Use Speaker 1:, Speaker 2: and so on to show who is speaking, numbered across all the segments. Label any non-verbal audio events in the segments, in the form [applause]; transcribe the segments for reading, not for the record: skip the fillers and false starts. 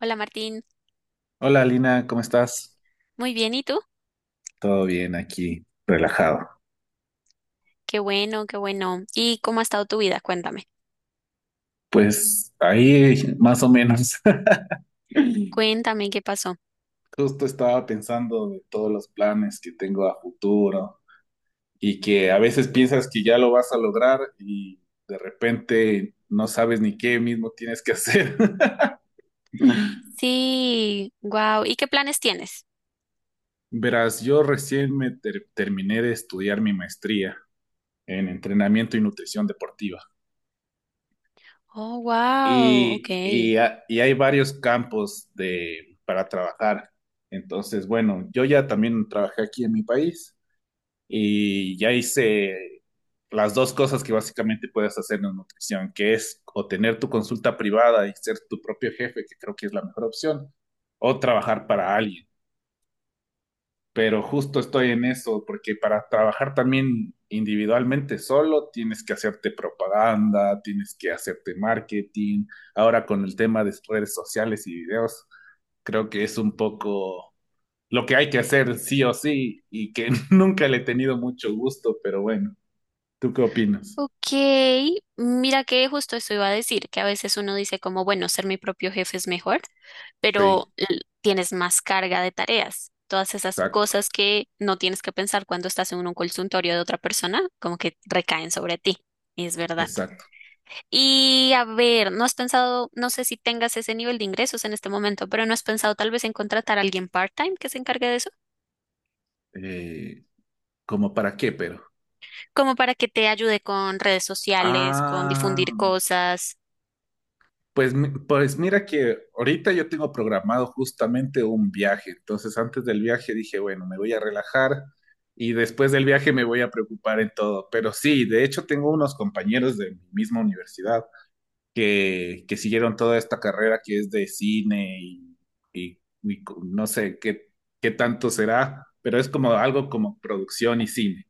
Speaker 1: Hola Martín,
Speaker 2: Hola Lina, ¿cómo estás?
Speaker 1: muy bien, ¿y tú?
Speaker 2: Todo bien aquí, relajado.
Speaker 1: Qué bueno, qué bueno. ¿Y cómo ha estado tu vida? Cuéntame,
Speaker 2: Pues ahí más o menos. [laughs]
Speaker 1: cuéntame qué pasó.
Speaker 2: Justo estaba pensando de todos los planes que tengo a futuro y que a veces piensas que ya lo vas a lograr y de repente no sabes ni qué mismo tienes que hacer. [laughs]
Speaker 1: Sí, wow. ¿Y qué planes tienes?
Speaker 2: Verás, yo recién me terminé de estudiar mi maestría en entrenamiento y nutrición deportiva.
Speaker 1: Oh, wow,
Speaker 2: Y,
Speaker 1: ok.
Speaker 2: y, ha- y hay varios campos para trabajar. Entonces, bueno, yo ya también trabajé aquí en mi país y ya hice las dos cosas que básicamente puedes hacer en nutrición, que es o tener tu consulta privada y ser tu propio jefe, que creo que es la mejor opción, o trabajar para alguien, pero justo estoy en eso, porque para trabajar también individualmente solo tienes que hacerte propaganda, tienes que hacerte marketing. Ahora con el tema de redes sociales y videos, creo que es un poco lo que hay que hacer sí o sí y que [laughs] nunca le he tenido mucho gusto, pero bueno, ¿tú qué opinas?
Speaker 1: Ok, mira que justo eso iba a decir, que a veces uno dice como, bueno, ser mi propio jefe es mejor,
Speaker 2: Sí,
Speaker 1: pero tienes más carga de tareas. Todas esas
Speaker 2: exacto,
Speaker 1: cosas que no tienes que pensar cuando estás en un consultorio de otra persona, como que recaen sobre ti. Es verdad.
Speaker 2: exacto.
Speaker 1: Y a ver, ¿no has pensado, no sé si tengas ese nivel de ingresos en este momento, pero ¿no has pensado tal vez en contratar a alguien part-time que se encargue de eso?
Speaker 2: Eh, ¿Como para qué, pero?
Speaker 1: Como para que te ayude con redes sociales, con
Speaker 2: Ah,
Speaker 1: difundir cosas.
Speaker 2: pues, mira que ahorita yo tengo programado justamente un viaje, entonces antes del viaje dije, bueno, me voy a relajar y después del viaje me voy a preocupar en todo, pero sí, de hecho tengo unos compañeros de mi misma universidad que siguieron toda esta carrera que es de cine, y no sé qué, qué tanto será, pero es como algo como producción y cine.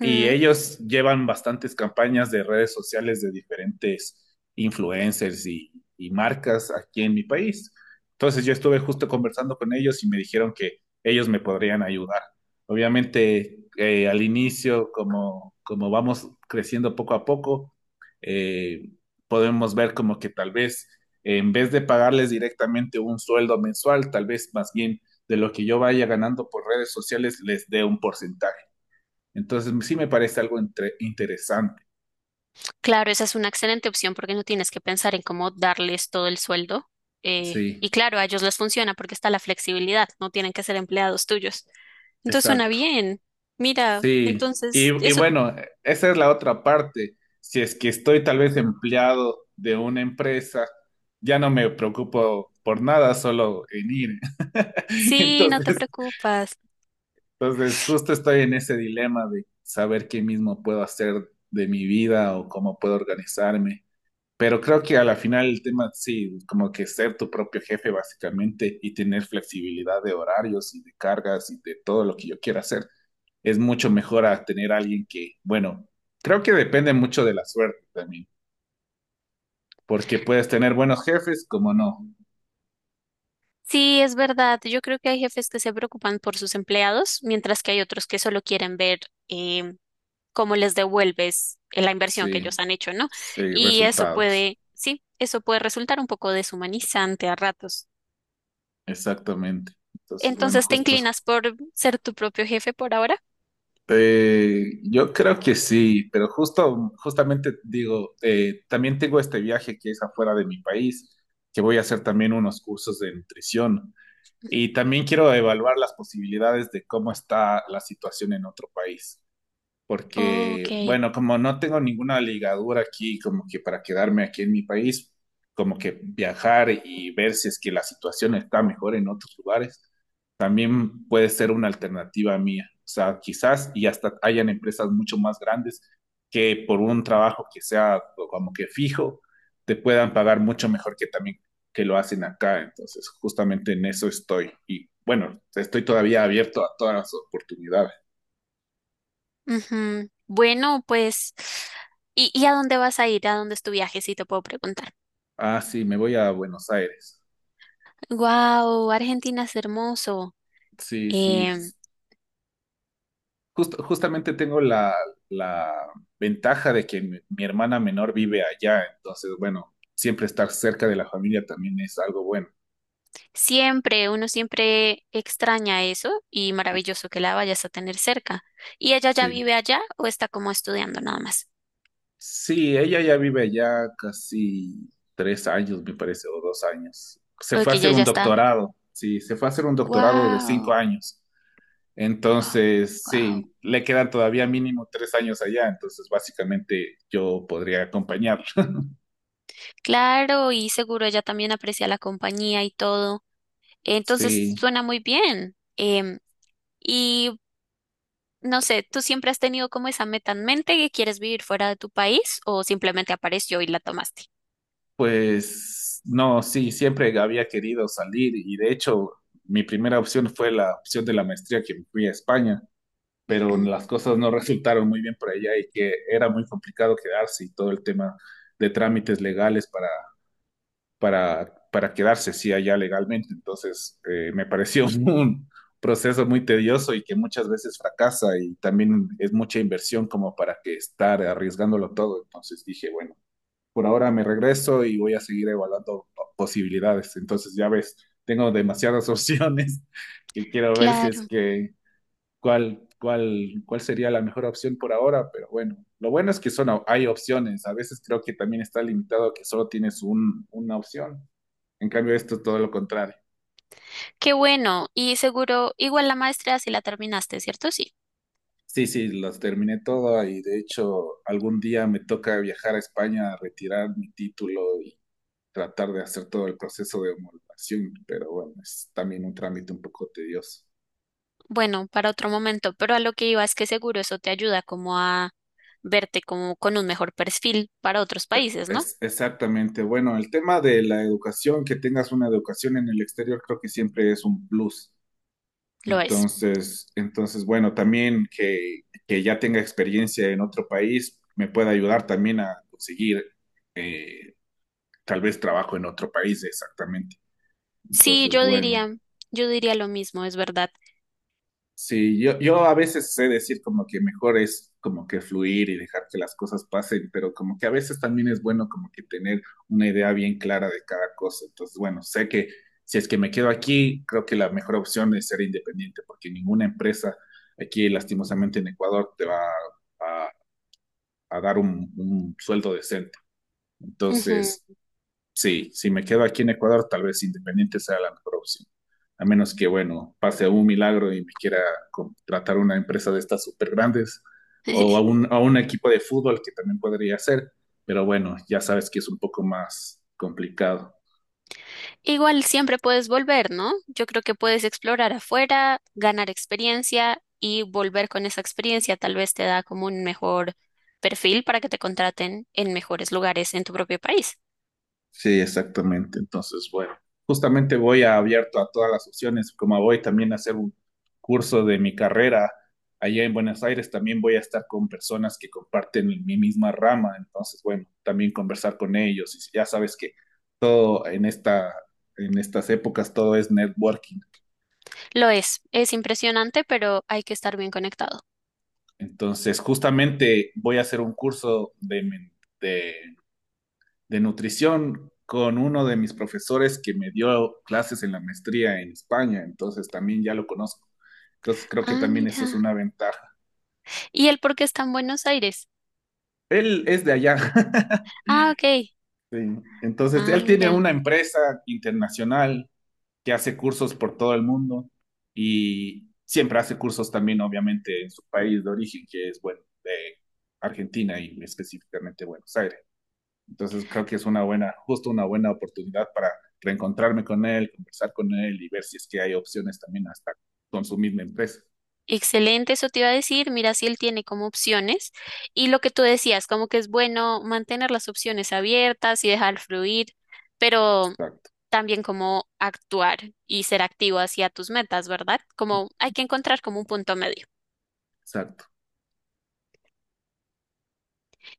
Speaker 2: Y ellos llevan bastantes campañas de redes sociales de diferentes influencers y marcas aquí en mi país. Entonces yo estuve justo conversando con ellos y me dijeron que ellos me podrían ayudar. Obviamente, al inicio, como vamos creciendo poco a poco, eh, podemos ver como que tal vez, en vez de pagarles directamente un sueldo mensual, tal vez más bien de lo que yo vaya ganando por redes sociales les dé un porcentaje. Entonces, sí me parece algo interesante.
Speaker 1: Claro, esa es una excelente opción porque no tienes que pensar en cómo darles todo el sueldo. Y
Speaker 2: Sí,
Speaker 1: claro, a ellos les funciona porque está la flexibilidad, no tienen que ser empleados tuyos. Entonces suena
Speaker 2: exacto.
Speaker 1: bien. Mira,
Speaker 2: Sí,
Speaker 1: entonces,
Speaker 2: y
Speaker 1: eso
Speaker 2: bueno, esa es la otra parte. Si es que estoy tal vez empleado de una empresa, ya no me preocupo por nada, solo en ir. [laughs]
Speaker 1: sí, no te
Speaker 2: Entonces,
Speaker 1: preocupas.
Speaker 2: entonces, justo estoy en ese dilema de saber qué mismo puedo hacer de mi vida o cómo puedo organizarme. Pero creo que a la final el tema, sí, como que ser tu propio jefe básicamente y tener flexibilidad de horarios y de cargas y de todo lo que yo quiera hacer, es mucho mejor a tener alguien que, bueno, creo que depende mucho de la suerte también, porque puedes tener buenos jefes como no.
Speaker 1: Sí, es verdad. Yo creo que hay jefes que se preocupan por sus empleados, mientras que hay otros que solo quieren ver em, cómo les devuelves la inversión que
Speaker 2: Sí,
Speaker 1: ellos han hecho, ¿no?
Speaker 2: sí,
Speaker 1: Y eso
Speaker 2: resultados.
Speaker 1: puede, sí, eso puede resultar un poco deshumanizante a ratos.
Speaker 2: Exactamente. Entonces, bueno,
Speaker 1: Entonces, ¿te
Speaker 2: justo,
Speaker 1: inclinas por ser tu propio jefe por ahora?
Speaker 2: Yo creo que sí, pero justo, justamente digo, también tengo este viaje que es afuera de mi país, que voy a hacer también unos cursos de nutrición y también quiero evaluar las posibilidades de cómo está la situación en otro país,
Speaker 1: Ok.
Speaker 2: porque, bueno, como no tengo ninguna ligadura aquí, como que para quedarme aquí en mi país, como que viajar y ver si es que la situación está mejor en otros lugares, también puede ser una alternativa mía. O sea, quizás y hasta hayan empresas mucho más grandes que por un trabajo que sea como que fijo, te puedan pagar mucho mejor que también que lo hacen acá. Entonces, justamente en eso estoy. Y bueno, estoy todavía abierto a todas las oportunidades.
Speaker 1: Ujú. Bueno, pues, ¿y a dónde vas a ir? ¿A dónde es tu viaje? Si te puedo preguntar.
Speaker 2: Ah, sí, me voy a Buenos Aires.
Speaker 1: Wow, Argentina es hermoso.
Speaker 2: Sí, sí. Justamente tengo la, ventaja de que mi hermana menor vive allá, entonces, bueno, siempre estar cerca de la familia también es algo bueno.
Speaker 1: Siempre, uno siempre extraña eso y maravilloso que la vayas a tener cerca. ¿Y ella ya
Speaker 2: Sí.
Speaker 1: vive allá o está como estudiando nada más?
Speaker 2: Sí, ella ya vive allá casi 3 años, me parece, o 2 años. Se
Speaker 1: O
Speaker 2: fue a
Speaker 1: que
Speaker 2: hacer
Speaker 1: ella ya
Speaker 2: un
Speaker 1: está.
Speaker 2: doctorado, sí, se fue a hacer un doctorado de cinco
Speaker 1: Wow,
Speaker 2: años. Entonces,
Speaker 1: wow.
Speaker 2: sí, le quedan todavía mínimo 3 años allá, entonces básicamente yo podría acompañarla.
Speaker 1: Claro, y seguro ella también aprecia la compañía y todo. Entonces
Speaker 2: Sí,
Speaker 1: suena muy bien. Em, y no sé, ¿tú siempre has tenido como esa meta en mente que quieres vivir fuera de tu país o simplemente apareció y la tomaste?
Speaker 2: pues no, sí, siempre había querido salir, y de hecho mi primera opción fue la opción de la maestría que me fui a España, pero
Speaker 1: Ujú,
Speaker 2: las cosas no resultaron muy bien por allá y que era muy complicado quedarse y todo el tema de trámites legales para, para quedarse, sí, allá legalmente. Entonces, me pareció [laughs] un proceso muy tedioso y que muchas veces fracasa, y también es mucha inversión como para que estar arriesgándolo todo. Entonces dije, bueno, por ahora me regreso y voy a seguir evaluando posibilidades. Entonces, ya ves, tengo demasiadas [laughs] opciones que quiero ver si es
Speaker 1: claro,
Speaker 2: que cuál sería la mejor opción por ahora, pero bueno, lo bueno es que son, hay opciones. A veces creo que también está limitado a que solo tienes un, una opción. En cambio, esto es todo lo contrario.
Speaker 1: qué bueno. Y seguro, igual la maestría si la terminaste, ¿cierto? Sí.
Speaker 2: Sí, sí, los terminé todo y de hecho algún día me toca viajar a España a retirar mi título, tratar de hacer todo el proceso de homologación, pero bueno, es también un trámite un poco tedioso.
Speaker 1: Bueno, para otro momento, pero a lo que iba es que seguro eso te ayuda como a verte como con un mejor perfil para otros países, ¿no?
Speaker 2: Es exactamente, bueno, el tema de la educación, que tengas una educación en el exterior, creo que siempre es un plus.
Speaker 1: Lo es.
Speaker 2: Entonces, bueno, también que ya tenga experiencia en otro país me puede ayudar también a conseguir, eh, tal vez trabajo en otro país, exactamente.
Speaker 1: Sí,
Speaker 2: Entonces, bueno,
Speaker 1: yo diría lo mismo, es verdad.
Speaker 2: sí, yo, a veces sé decir como que mejor es como que fluir y dejar que las cosas pasen, pero como que a veces también es bueno como que tener una idea bien clara de cada cosa. Entonces, bueno, sé que si es que me quedo aquí, creo que la mejor opción es ser independiente, porque ninguna empresa aquí, lastimosamente en Ecuador, te va a, a dar un, sueldo decente.
Speaker 1: Ujú.
Speaker 2: Entonces, sí, si me quedo aquí en Ecuador, tal vez independiente sea la mejor opción. A menos que, bueno, pase un milagro y me quiera contratar una empresa de estas súper grandes, o a
Speaker 1: [laughs]
Speaker 2: un, a un equipo de fútbol que también podría ser. Pero bueno, ya sabes que es un poco más complicado.
Speaker 1: Igual siempre puedes volver, ¿no? Yo creo que puedes explorar afuera, ganar experiencia y volver con esa experiencia tal vez te da como un mejor perfil para que te contraten en mejores lugares en tu propio país.
Speaker 2: Sí, exactamente. Entonces, bueno, justamente voy a abierto a todas las opciones, como voy también a hacer un curso de mi carrera allá en Buenos Aires, también voy a estar con personas que comparten mi misma rama, entonces, bueno, también conversar con ellos. Y ya sabes que todo en esta, en estas épocas, todo es networking.
Speaker 1: Lo es impresionante, pero hay que estar bien conectado.
Speaker 2: Entonces, justamente voy a hacer un curso de, de de nutrición con uno de mis profesores que me dio clases en la maestría en España, entonces también ya lo conozco. Entonces creo que
Speaker 1: Ah,
Speaker 2: también eso es
Speaker 1: mira.
Speaker 2: una ventaja.
Speaker 1: ¿Y el por qué está en Buenos Aires?
Speaker 2: Él es de allá. [laughs]
Speaker 1: Ah, ok.
Speaker 2: Sí. Entonces
Speaker 1: Ah,
Speaker 2: él tiene
Speaker 1: mira.
Speaker 2: una empresa internacional que hace cursos por todo el mundo y siempre hace cursos también, obviamente, en su país de origen, que es, bueno, de Argentina y específicamente Buenos Aires. Entonces creo que es una buena, justo una buena oportunidad para reencontrarme con él, conversar con él y ver si es que hay opciones también hasta con su misma empresa.
Speaker 1: Excelente, eso te iba a decir. Mira si él tiene como opciones. Y lo que tú decías, como que es bueno mantener las opciones abiertas y dejar fluir, pero
Speaker 2: Exacto,
Speaker 1: también como actuar y ser activo hacia tus metas, ¿verdad? Como hay que encontrar como un punto medio.
Speaker 2: exacto.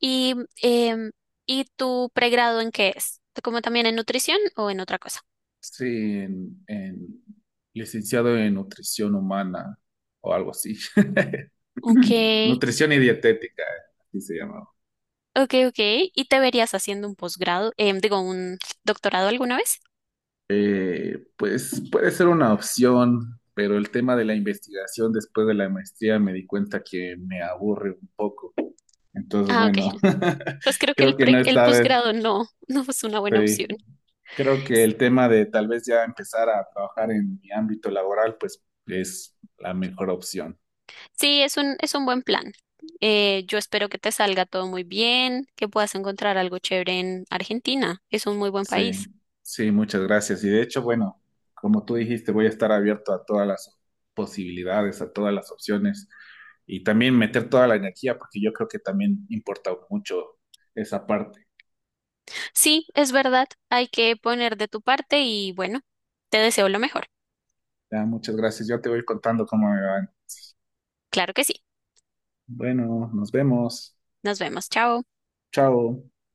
Speaker 1: ¿Y, em, ¿y tu pregrado en qué es? ¿Como también en nutrición o en otra cosa?
Speaker 2: Sí, en, licenciado en nutrición humana o algo así. [clears throat]
Speaker 1: Ok.
Speaker 2: [laughs] Nutrición y dietética, así se llama.
Speaker 1: Ok, ok. ¿Y te verías haciendo un posgrado, em, digo, un doctorado alguna vez?
Speaker 2: Pues puede ser una opción, pero el tema de la investigación después de la maestría me di cuenta que me aburre un poco. Entonces,
Speaker 1: Ah, ok.
Speaker 2: bueno, [laughs]
Speaker 1: Pues creo que el,
Speaker 2: creo que no
Speaker 1: el
Speaker 2: está de-.
Speaker 1: posgrado no, [laughs] no es una buena opción.
Speaker 2: Sí. Creo que el tema de tal vez ya empezar a trabajar en mi ámbito laboral, pues es la mejor opción.
Speaker 1: Sí, es un buen plan. Yo espero que te salga todo muy bien, que puedas encontrar algo chévere en Argentina. Es un muy buen
Speaker 2: Sí,
Speaker 1: país.
Speaker 2: sí, muchas gracias. Y de hecho, bueno, como tú dijiste, voy a estar abierto a todas las posibilidades, a todas las opciones y también meter toda la energía, porque yo creo que también importa mucho esa parte.
Speaker 1: Sí, es verdad. Hay que poner de tu parte y bueno, te deseo lo mejor.
Speaker 2: Ya, muchas gracias. Yo te voy contando cómo me van.
Speaker 1: Claro que sí.
Speaker 2: Bueno, nos vemos.
Speaker 1: Nos vemos. Chao.
Speaker 2: Chao.